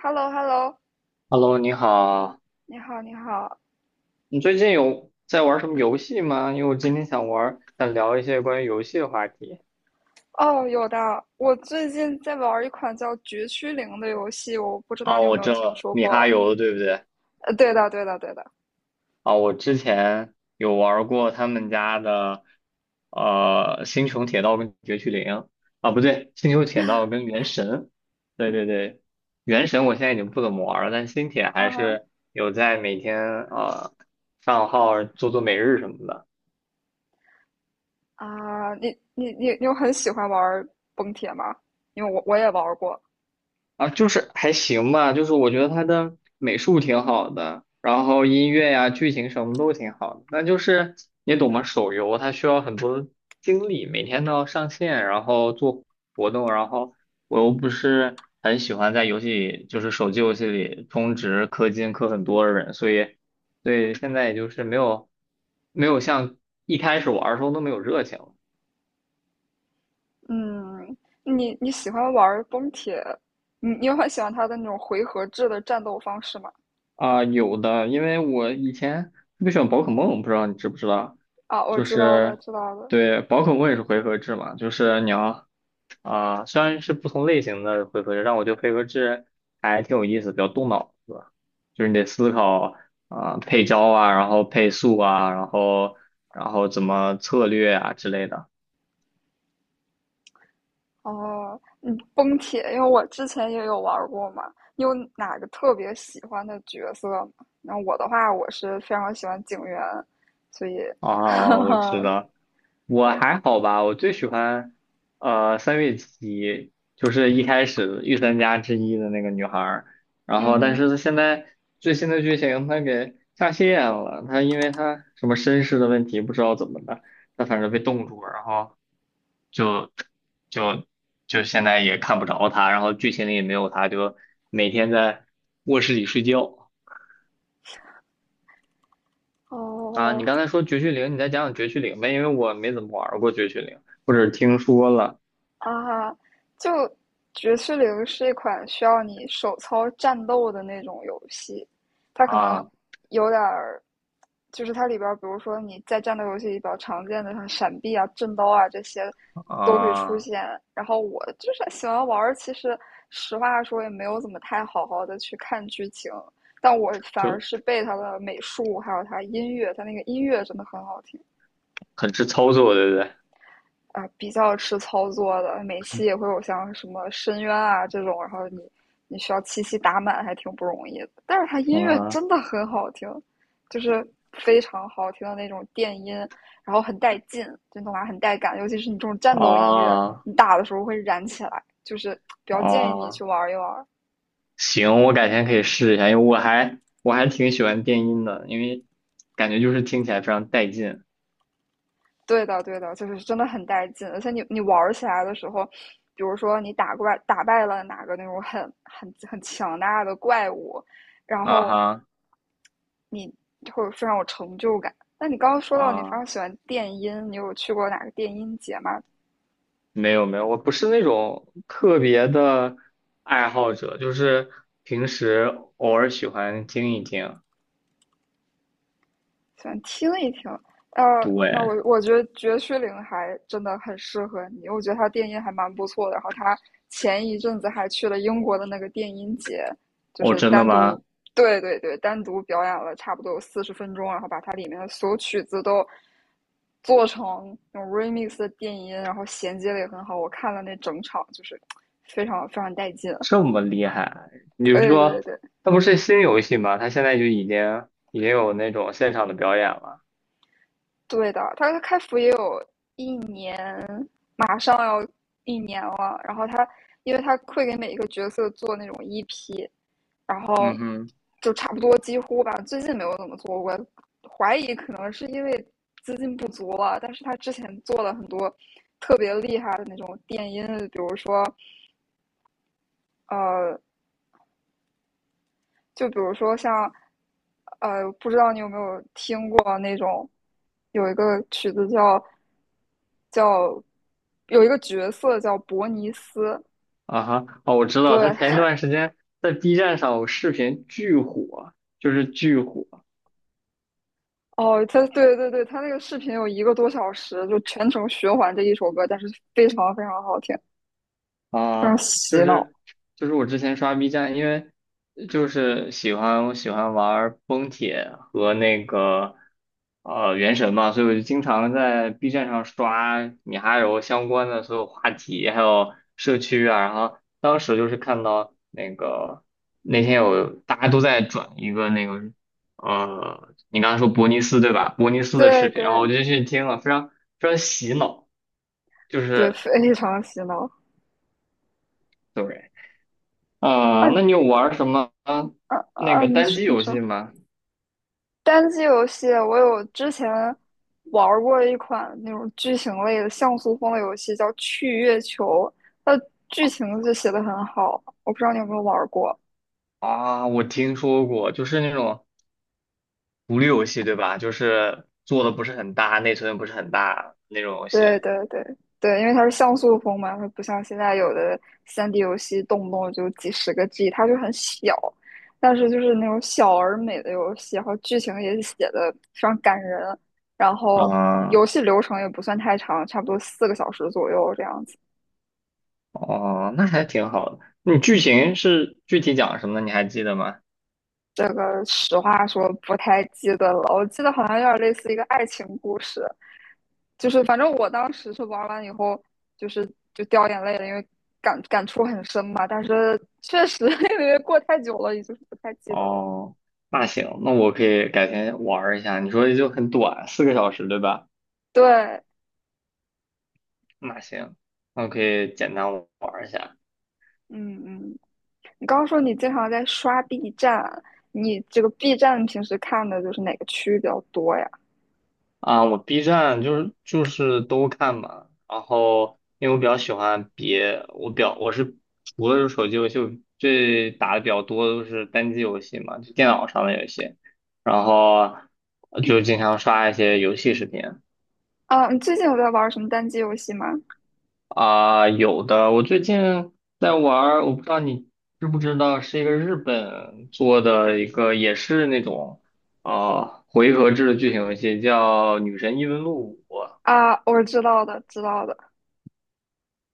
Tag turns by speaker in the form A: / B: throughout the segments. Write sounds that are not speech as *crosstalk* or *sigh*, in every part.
A: h e l l o h e l l o
B: Hello，你好，
A: 你好，你好。
B: 你最近有在玩什么游戏吗？因为我今天想玩，想聊一些关于游戏的话题。
A: 哦，有的，我最近在玩一款叫《绝区零》的游戏，我不知道你
B: 哦，
A: 有
B: 我
A: 没有
B: 知道
A: 听
B: 了
A: 说
B: 米哈
A: 过？
B: 游对不对？
A: 对的，对的，对的。
B: 啊、我之前有玩过他们家的，《星穹铁道》跟《绝区零》啊，不对，《星穹铁道》跟《原神》。对对对，《原神》我现在已经不怎么玩了，但《星铁》还
A: 啊
B: 是有在每天呃上号做做每日什么的。
A: 啊，你有很喜欢玩崩铁吗？因为我也玩过。
B: 啊，就是还行吧，就是我觉得他的美术挺好的，然后音乐呀、剧情什么都挺好的。那就是你懂吗？手游它需要很多精力，每天都要上线，然后做活动，然后我又不是很喜欢在游戏里，就是手机游戏里充值氪金氪很多的人，所以对现在也就是没有像一开始玩儿的时候那么有热情。
A: 嗯，你喜欢玩崩铁？你有很喜欢它的那种回合制的战斗方式吗？
B: 啊，有的，因为我以前特别喜欢宝可梦，不知道你知不知道？
A: 啊，我
B: 就
A: 知道的，
B: 是，
A: 知道的。
B: 对，宝可梦也是回合制嘛，就是你要啊，虽然是不同类型的回合制，但我觉得回合制还挺有意思，比较动脑子，就是你得思考啊，配招啊，然后配速啊，然后怎么策略啊之类的。
A: 哦，嗯，崩铁，因为我之前也有玩儿过嘛。你有哪个特别喜欢的角色吗？那我的话，我是非常喜欢警员，所以，
B: 啊，我知
A: *laughs*
B: 道，我还好吧，我最喜欢三月起，就是一开始御三家之一的那个女孩儿，然
A: 嗯
B: 后但
A: 哼，
B: 是她现在最新的剧情她给下线了，她因为她什么身世的问题，不知道怎么的，她反正被冻住了，然后就就就现在也看不着她，然后剧情里也没有她，就每天在卧室里睡觉。啊，
A: 哦，
B: 你刚才说绝区零，你再讲讲绝区零呗，因为我没怎么玩过绝区零，或者听说了
A: 啊，就《绝士零》是一款需要你手操战斗的那种游戏，它可能
B: 啊
A: 有点儿，就是它里边儿，比如说你在战斗游戏里比较常见的像闪避啊、震刀啊这些都会出
B: 啊，
A: 现。然后我就是喜欢玩儿，其实实话说也没有怎么太好好的去看剧情，但我反而是
B: 就
A: 被它的美术还有它音乐，它那个音乐真的很好听。
B: 很吃操作，对不对？
A: 啊、比较吃操作的，每期也会有像什么深渊啊这种，然后你需要七夕打满，还挺不容易的。但是它音乐
B: 啊
A: 真的很好听，就是非常好听的那种电音，然后很带劲，真的话很带感，尤其是你这种战斗音乐，
B: 啊
A: 你打的时候会燃起来，就是比较建议你
B: 啊！
A: 去玩一玩。
B: 行，我改天可以试一下，因为我还挺喜欢电音的，因为感觉就是听起来非常带劲。
A: 对的，对的，就是真的很带劲，而且你玩儿起来的时候，比如说你打怪打败了哪个那种很很很强大的怪物，然
B: 啊
A: 后
B: 哈
A: 你会非常有成就感。那你刚刚说到你非
B: 啊，
A: 常喜欢电音，你有去过哪个电音节吗？
B: 没有没有，我不是那种特别的爱好者，就是平时偶尔喜欢听一听。
A: 想听一听。呃，那我
B: 对，
A: 我觉得绝区零还真的很适合你，我觉得他电音还蛮不错的。然后他前一阵子还去了英国的那个电音节，就
B: 哦，
A: 是
B: 真的
A: 单独，
B: 吗？
A: 对对对，单独表演了差不多有40分钟，然后把它里面的所有曲子都做成那种 remix 的电音，然后衔接的也很好。我看了那整场，就是非常非常带劲。
B: 这么厉害？你是
A: 对
B: 说
A: 对对，
B: 它不是新游戏吗？它现在就已经有那种现场的表演了。
A: 对的，他开服也有一年，马上要一年了。然后他，因为他会给每一个角色做那种 EP，然后
B: 嗯哼，
A: 就差不多几乎吧，最近没有怎么做过，怀疑可能是因为资金不足了。但是他之前做了很多特别厉害的那种电音，比如说呃就比如说像，不知道你有没有听过那种，有一个曲子叫，有一个角色叫伯尼斯，
B: 啊哈，哦，我知道，它
A: 对，
B: 前一段时间在 B 站上有视频巨火，就是巨火。
A: 哦，他对对对，他那个视频有一个多小时，就全程循环这一首歌，但是非常非常好听，非
B: 啊，
A: 常
B: 就
A: 洗脑，
B: 是就是我之前刷 B 站，因为就是我喜欢玩崩铁和那个原神嘛，所以我就经常在 B 站上刷米哈游相关的所有话题，还有社区啊。然后当时就是看到那个那天有大家都在转一个那个你刚才说伯尼斯对吧？伯尼斯的视
A: 对
B: 频，然后我
A: 对
B: 就去听了，非常非常洗脑，就
A: 对，
B: 是。
A: 非常洗脑。
B: 对。啊，
A: 嗯
B: 那
A: 嗯
B: 你有玩什么
A: 嗯，
B: 那
A: 啊
B: 个
A: 你
B: 单
A: 说
B: 机
A: 你
B: 游
A: 说，
B: 戏吗？
A: 单机游戏，我有之前玩儿过一款那种剧情类的像素风的游戏，叫《去月球》，它的剧情就写的很好。我不知道你有没有玩儿过？
B: 啊，我听说过，就是那种独立游戏，对吧？就是做的不是很大，内存也不是很大那种游戏。
A: 对对对对，因为它是像素风嘛，它不像现在有的3D 游戏动不动就几十个 G，它就很小，但是就是那种小而美的游戏，然后剧情也写的非常感人，然后游
B: 啊，
A: 戏流程也不算太长，差不多4个小时左右这样子。
B: 哦，那还挺好的。你剧情是具体讲什么的？你还记得吗？
A: 这个实话说不太记得了，我记得好像有点类似一个爱情故事，就是反正我当时是玩完以后，就是就掉眼泪了，因为感触很深嘛。但是确实 *laughs* 因为过太久了，也就是不太记得了。
B: 哦，那行，那我可以改天玩儿一下。你说就很短，4 个小时，对吧？
A: 对，
B: 那行，那我可以简单玩儿一下。
A: 嗯嗯，你刚刚说你经常在刷 B 站，你这个 B 站平时看的就是哪个区域比较多呀？
B: 啊，我 B 站就是都看嘛，然后因为我比较喜欢别，我表我是除了是手机游戏，我最打的比较多的都是单机游戏嘛，就电脑上的游戏，然后就经常刷一些游戏视频
A: 啊，你最近有在玩什么单机游戏吗？
B: 啊，有的我最近在玩儿，我不知道你知不知道，是一个日本做的一个也是那种啊回合制的剧情游戏，叫《女神异闻录五》。
A: 啊，我知道的，知道的，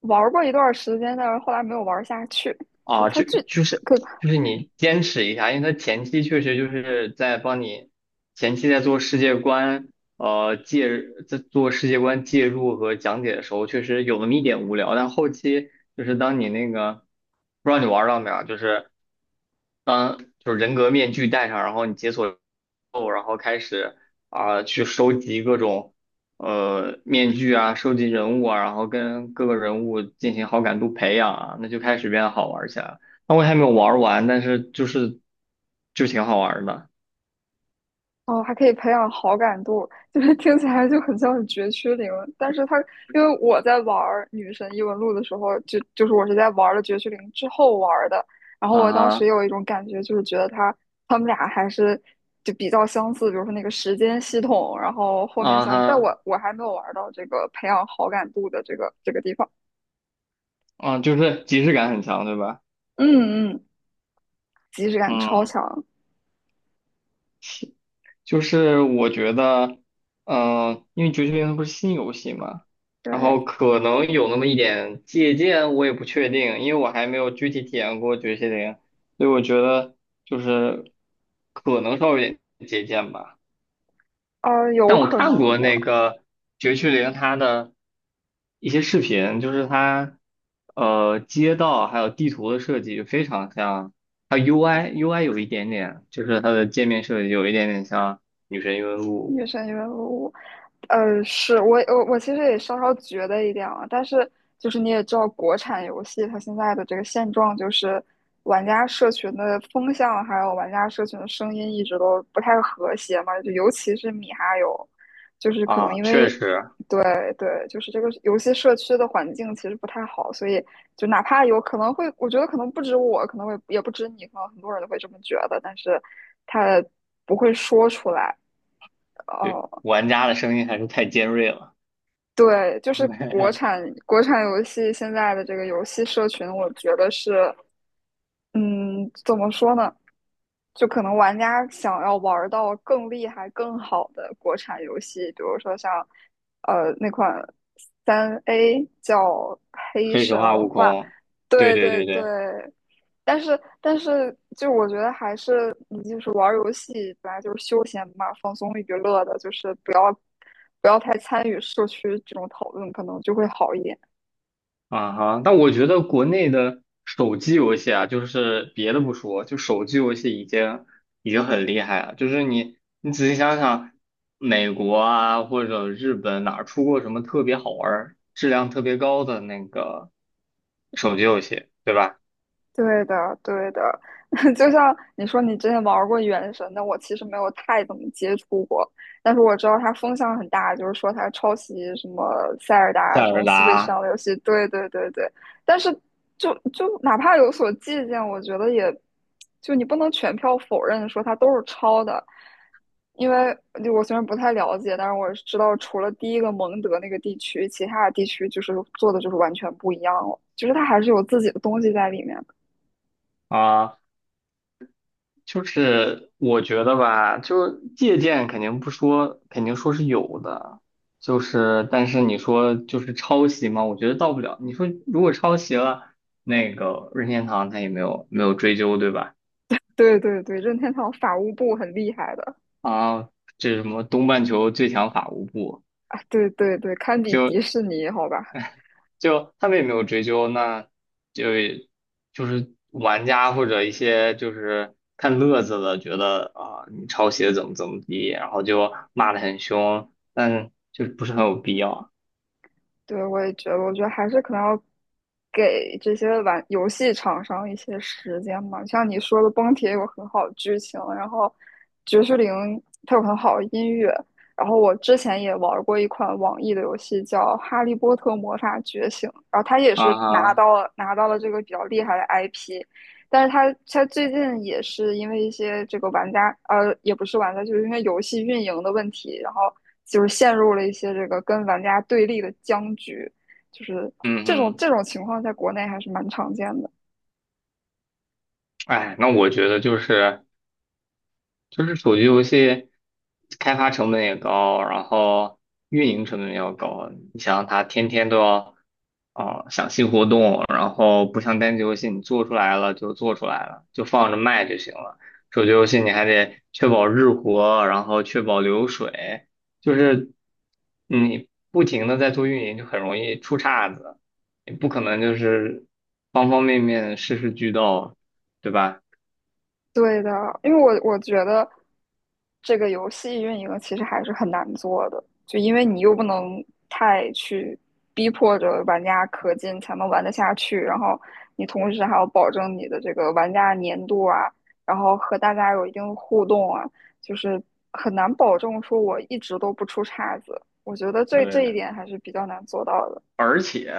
A: 玩过一段时间，但是后来没有玩下去。就
B: 啊，
A: 它
B: 就
A: 这
B: 就是
A: 可
B: 就是你坚持一下，因为它前期确实就是在帮你前期在做世界观，呃，介在做世界观介入和讲解的时候，确实有那么一点无聊，但后期就是当你那个不知道你玩儿到没有啊，就是当就是人格面具戴上，然后你解锁后，然后开始啊、去收集各种面具啊，收集人物啊，然后跟各个人物进行好感度培养啊，那就开始变得好玩起来了。那我还没有玩完，但是就挺好玩的
A: 哦，还可以培养好感度，*laughs* 就是听起来就很像是绝区零。但是因为我在玩女神异闻录》的时候，就是我是在玩了绝区零之后玩的。然后
B: 啊
A: 我当时
B: 哈
A: 有一种感觉，就是觉得他们俩还是就比较相似，比如说那个时间系统，然后后面
B: 啊
A: 像，但
B: 哈
A: 我还没有玩到这个培养好感度的这个地方。
B: 啊，就是即视感很强，对吧？
A: 嗯嗯，即视感超
B: 嗯。
A: 强，
B: 就是我觉得，因为《绝区连》它不是新游戏嘛，然
A: 对。
B: 后可能有那么一点借鉴，我也不确定，因为我还没有具体体验过《绝区连》，所以我觉得就是可能稍微有点借鉴吧。
A: 有
B: 但我
A: 可
B: 看过
A: 能的，
B: 那个《绝区零》它的一些视频，就是它街道还有地图的设计就非常像，它 UI 有一点点，就是它的界面设计有一点点像《女神异闻录》。
A: 越深越入。是我其实也稍稍觉得一点啊，但是就是你也知道，国产游戏它现在的这个现状就是，玩家社群的风向还有玩家社群的声音一直都不太和谐嘛，就尤其是米哈游，就是可能
B: 啊，
A: 因为
B: 确实，
A: 对对，就是这个游戏社区的环境其实不太好，所以就哪怕有可能会，我觉得可能不止我，可能会也不止你，可能很多人都会这么觉得，但是他不会说出来。
B: 对，
A: 哦，
B: 玩家的声音还是太尖锐了。
A: 对，就是国产
B: *laughs*
A: 国产游戏现在的这个游戏社群，我觉得是，嗯，怎么说呢？就可能玩家想要玩到更厉害、更好的国产游戏，比如说像那款3A 叫《黑
B: 黑神
A: 神
B: 话：悟
A: 话》，
B: 空，对
A: 对
B: 对
A: 对
B: 对
A: 对。
B: 对，
A: 但是，就我觉得还是你就是玩游戏本来就是休闲嘛，放松娱乐的，就是不要太参与社区这种讨论，可能就会好一点。
B: 啊哈。但我觉得国内的手机游戏啊，就是别的不说，就手机游戏已经很厉害了。就是你仔细想想，美国啊或者日本哪儿出过什么特别好玩儿、质量特别高的那个手机游戏，对吧？
A: 对的，对的，*laughs* 就像你说，你之前玩过《原神》那我其实没有太怎么接触过，但是我知道它风向很大，就是说它抄袭什么《塞尔达》
B: 塞
A: 这
B: 尔
A: 种 Switch
B: 达
A: 上的游戏。对对对对，但是就哪怕有所借鉴，我觉得也就你不能全票否认说它都是抄的，因为就我虽然不太了解，但是我知道除了第一个蒙德那个地区，其他的地区就是做的就是完全不一样了，就是它还是有自己的东西在里面。
B: 啊，就是我觉得吧，就是借鉴肯定不说，肯定说是有的，就是但是你说就是抄袭嘛，我觉得到不了。你说如果抄袭了，那个任天堂他也没有追究，对吧？
A: 对对对，任天堂法务部很厉害的
B: 啊，这是什么东半球最强法务部，
A: 啊，对对对，堪比
B: 就。
A: 迪士尼，好吧？
B: 就他们也没有追究，那就就是玩家或者一些就是看乐子的，觉得啊、你抄袭的怎么怎么地，然后就骂得很凶，但就不是很有必要
A: 对，我也觉得，我觉得还是可能要给这些玩游戏厂商一些时间嘛。像你说的，《崩铁》有很好的剧情，然后《爵士零》它有很好的音乐。然后我之前也玩过一款网易的游戏叫《哈利波特魔法觉醒》，然后它也
B: 啊
A: 是拿
B: 哈，
A: 到了拿到了这个比较厉害的 IP，但是它最近也是因为一些这个玩家也不是玩家，就是因为游戏运营的问题，然后就是陷入了一些这个跟玩家对立的僵局，就是
B: 嗯
A: 这种
B: 哼，
A: 这种情况在国内还是蛮常见的。
B: 哎，那我觉得就是。就是手机游戏开发成本也高，然后运营成本也要高。你想想，它天天都要啊、想新活动，然后不像单机游戏，你做出来了就做出来了，就放着卖就行了。手机游戏你还得确保日活，然后确保流水，就是你不停的在做运营，就很容易出岔子。你不可能就是方方面面事事俱到，对吧？
A: 对的，因为我觉得这个游戏运营其实还是很难做的，就因为你又不能太去逼迫着玩家氪金才能玩得下去，然后你同时还要保证你的这个玩家粘度啊，然后和大家有一定的互动啊，就是很难保证说我一直都不出岔子。我觉得这一
B: 对。
A: 点还是比较难做到的。
B: 而且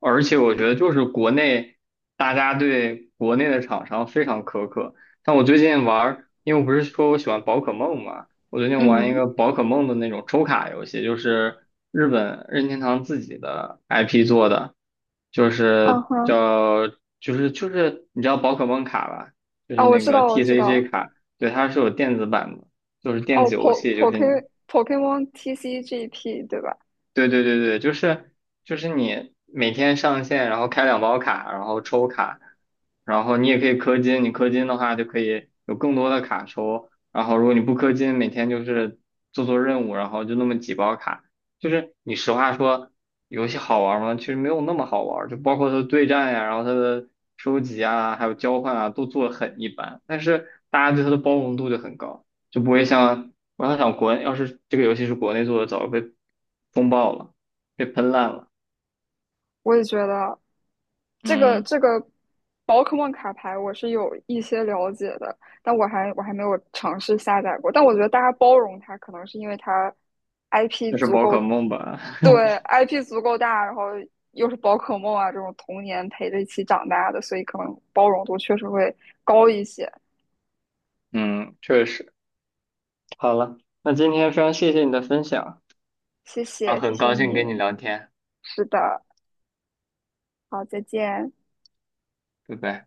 B: 而且，我觉得就是国内大家对国内的厂商非常苛刻。但我最近玩儿，因为我不是说我喜欢宝可梦嘛，我最近玩一
A: 嗯，
B: 个宝可梦的那种抽卡游戏，就是日本任天堂自己的 IP 做的，就
A: 嗯
B: 是
A: 哼，
B: 叫就是你知道宝可梦卡吧，就
A: 啊，
B: 是
A: 我
B: 那
A: 知
B: 个
A: 道，我知
B: TCG
A: 道，
B: 卡，对，它是有电子版的，就是电
A: 哦，
B: 子游戏，就是
A: Pokemon TCGP 对吧？
B: 对对对对，就是你每天上线，然后开两包卡，然后抽卡，然后你也可以氪金，你氪金的话就可以有更多的卡抽，然后如果你不氪金，每天就是做做任务，然后就那么几包卡，就是你实话说，游戏好玩吗？其实没有那么好玩，就包括它的对战呀，然后它的收集啊，还有交换啊，都做得很一般，但是大家对它的包容度就很高，就不会像。我想想要是这个游戏是国内做的，早就被风暴了，被喷烂了。
A: 我也觉得这个
B: 嗯，
A: 这个宝可梦卡牌我是有一些了解的，但我还没有尝试下载过。但我觉得大家包容它，可能是因为它 IP
B: 那是
A: 足
B: 宝
A: 够，
B: 可梦吧？*laughs*
A: 对 IP 足够大，然后又是宝可梦啊这种童年陪着一起长大的，所以可能包容度确实会高一些。
B: 嗯，确实。好了，那今天非常谢谢你的分享
A: 谢
B: 啊，
A: 谢，谢
B: 很
A: 谢
B: 高兴跟
A: 你。
B: 你聊天，
A: 是的，好，再见。
B: 拜拜。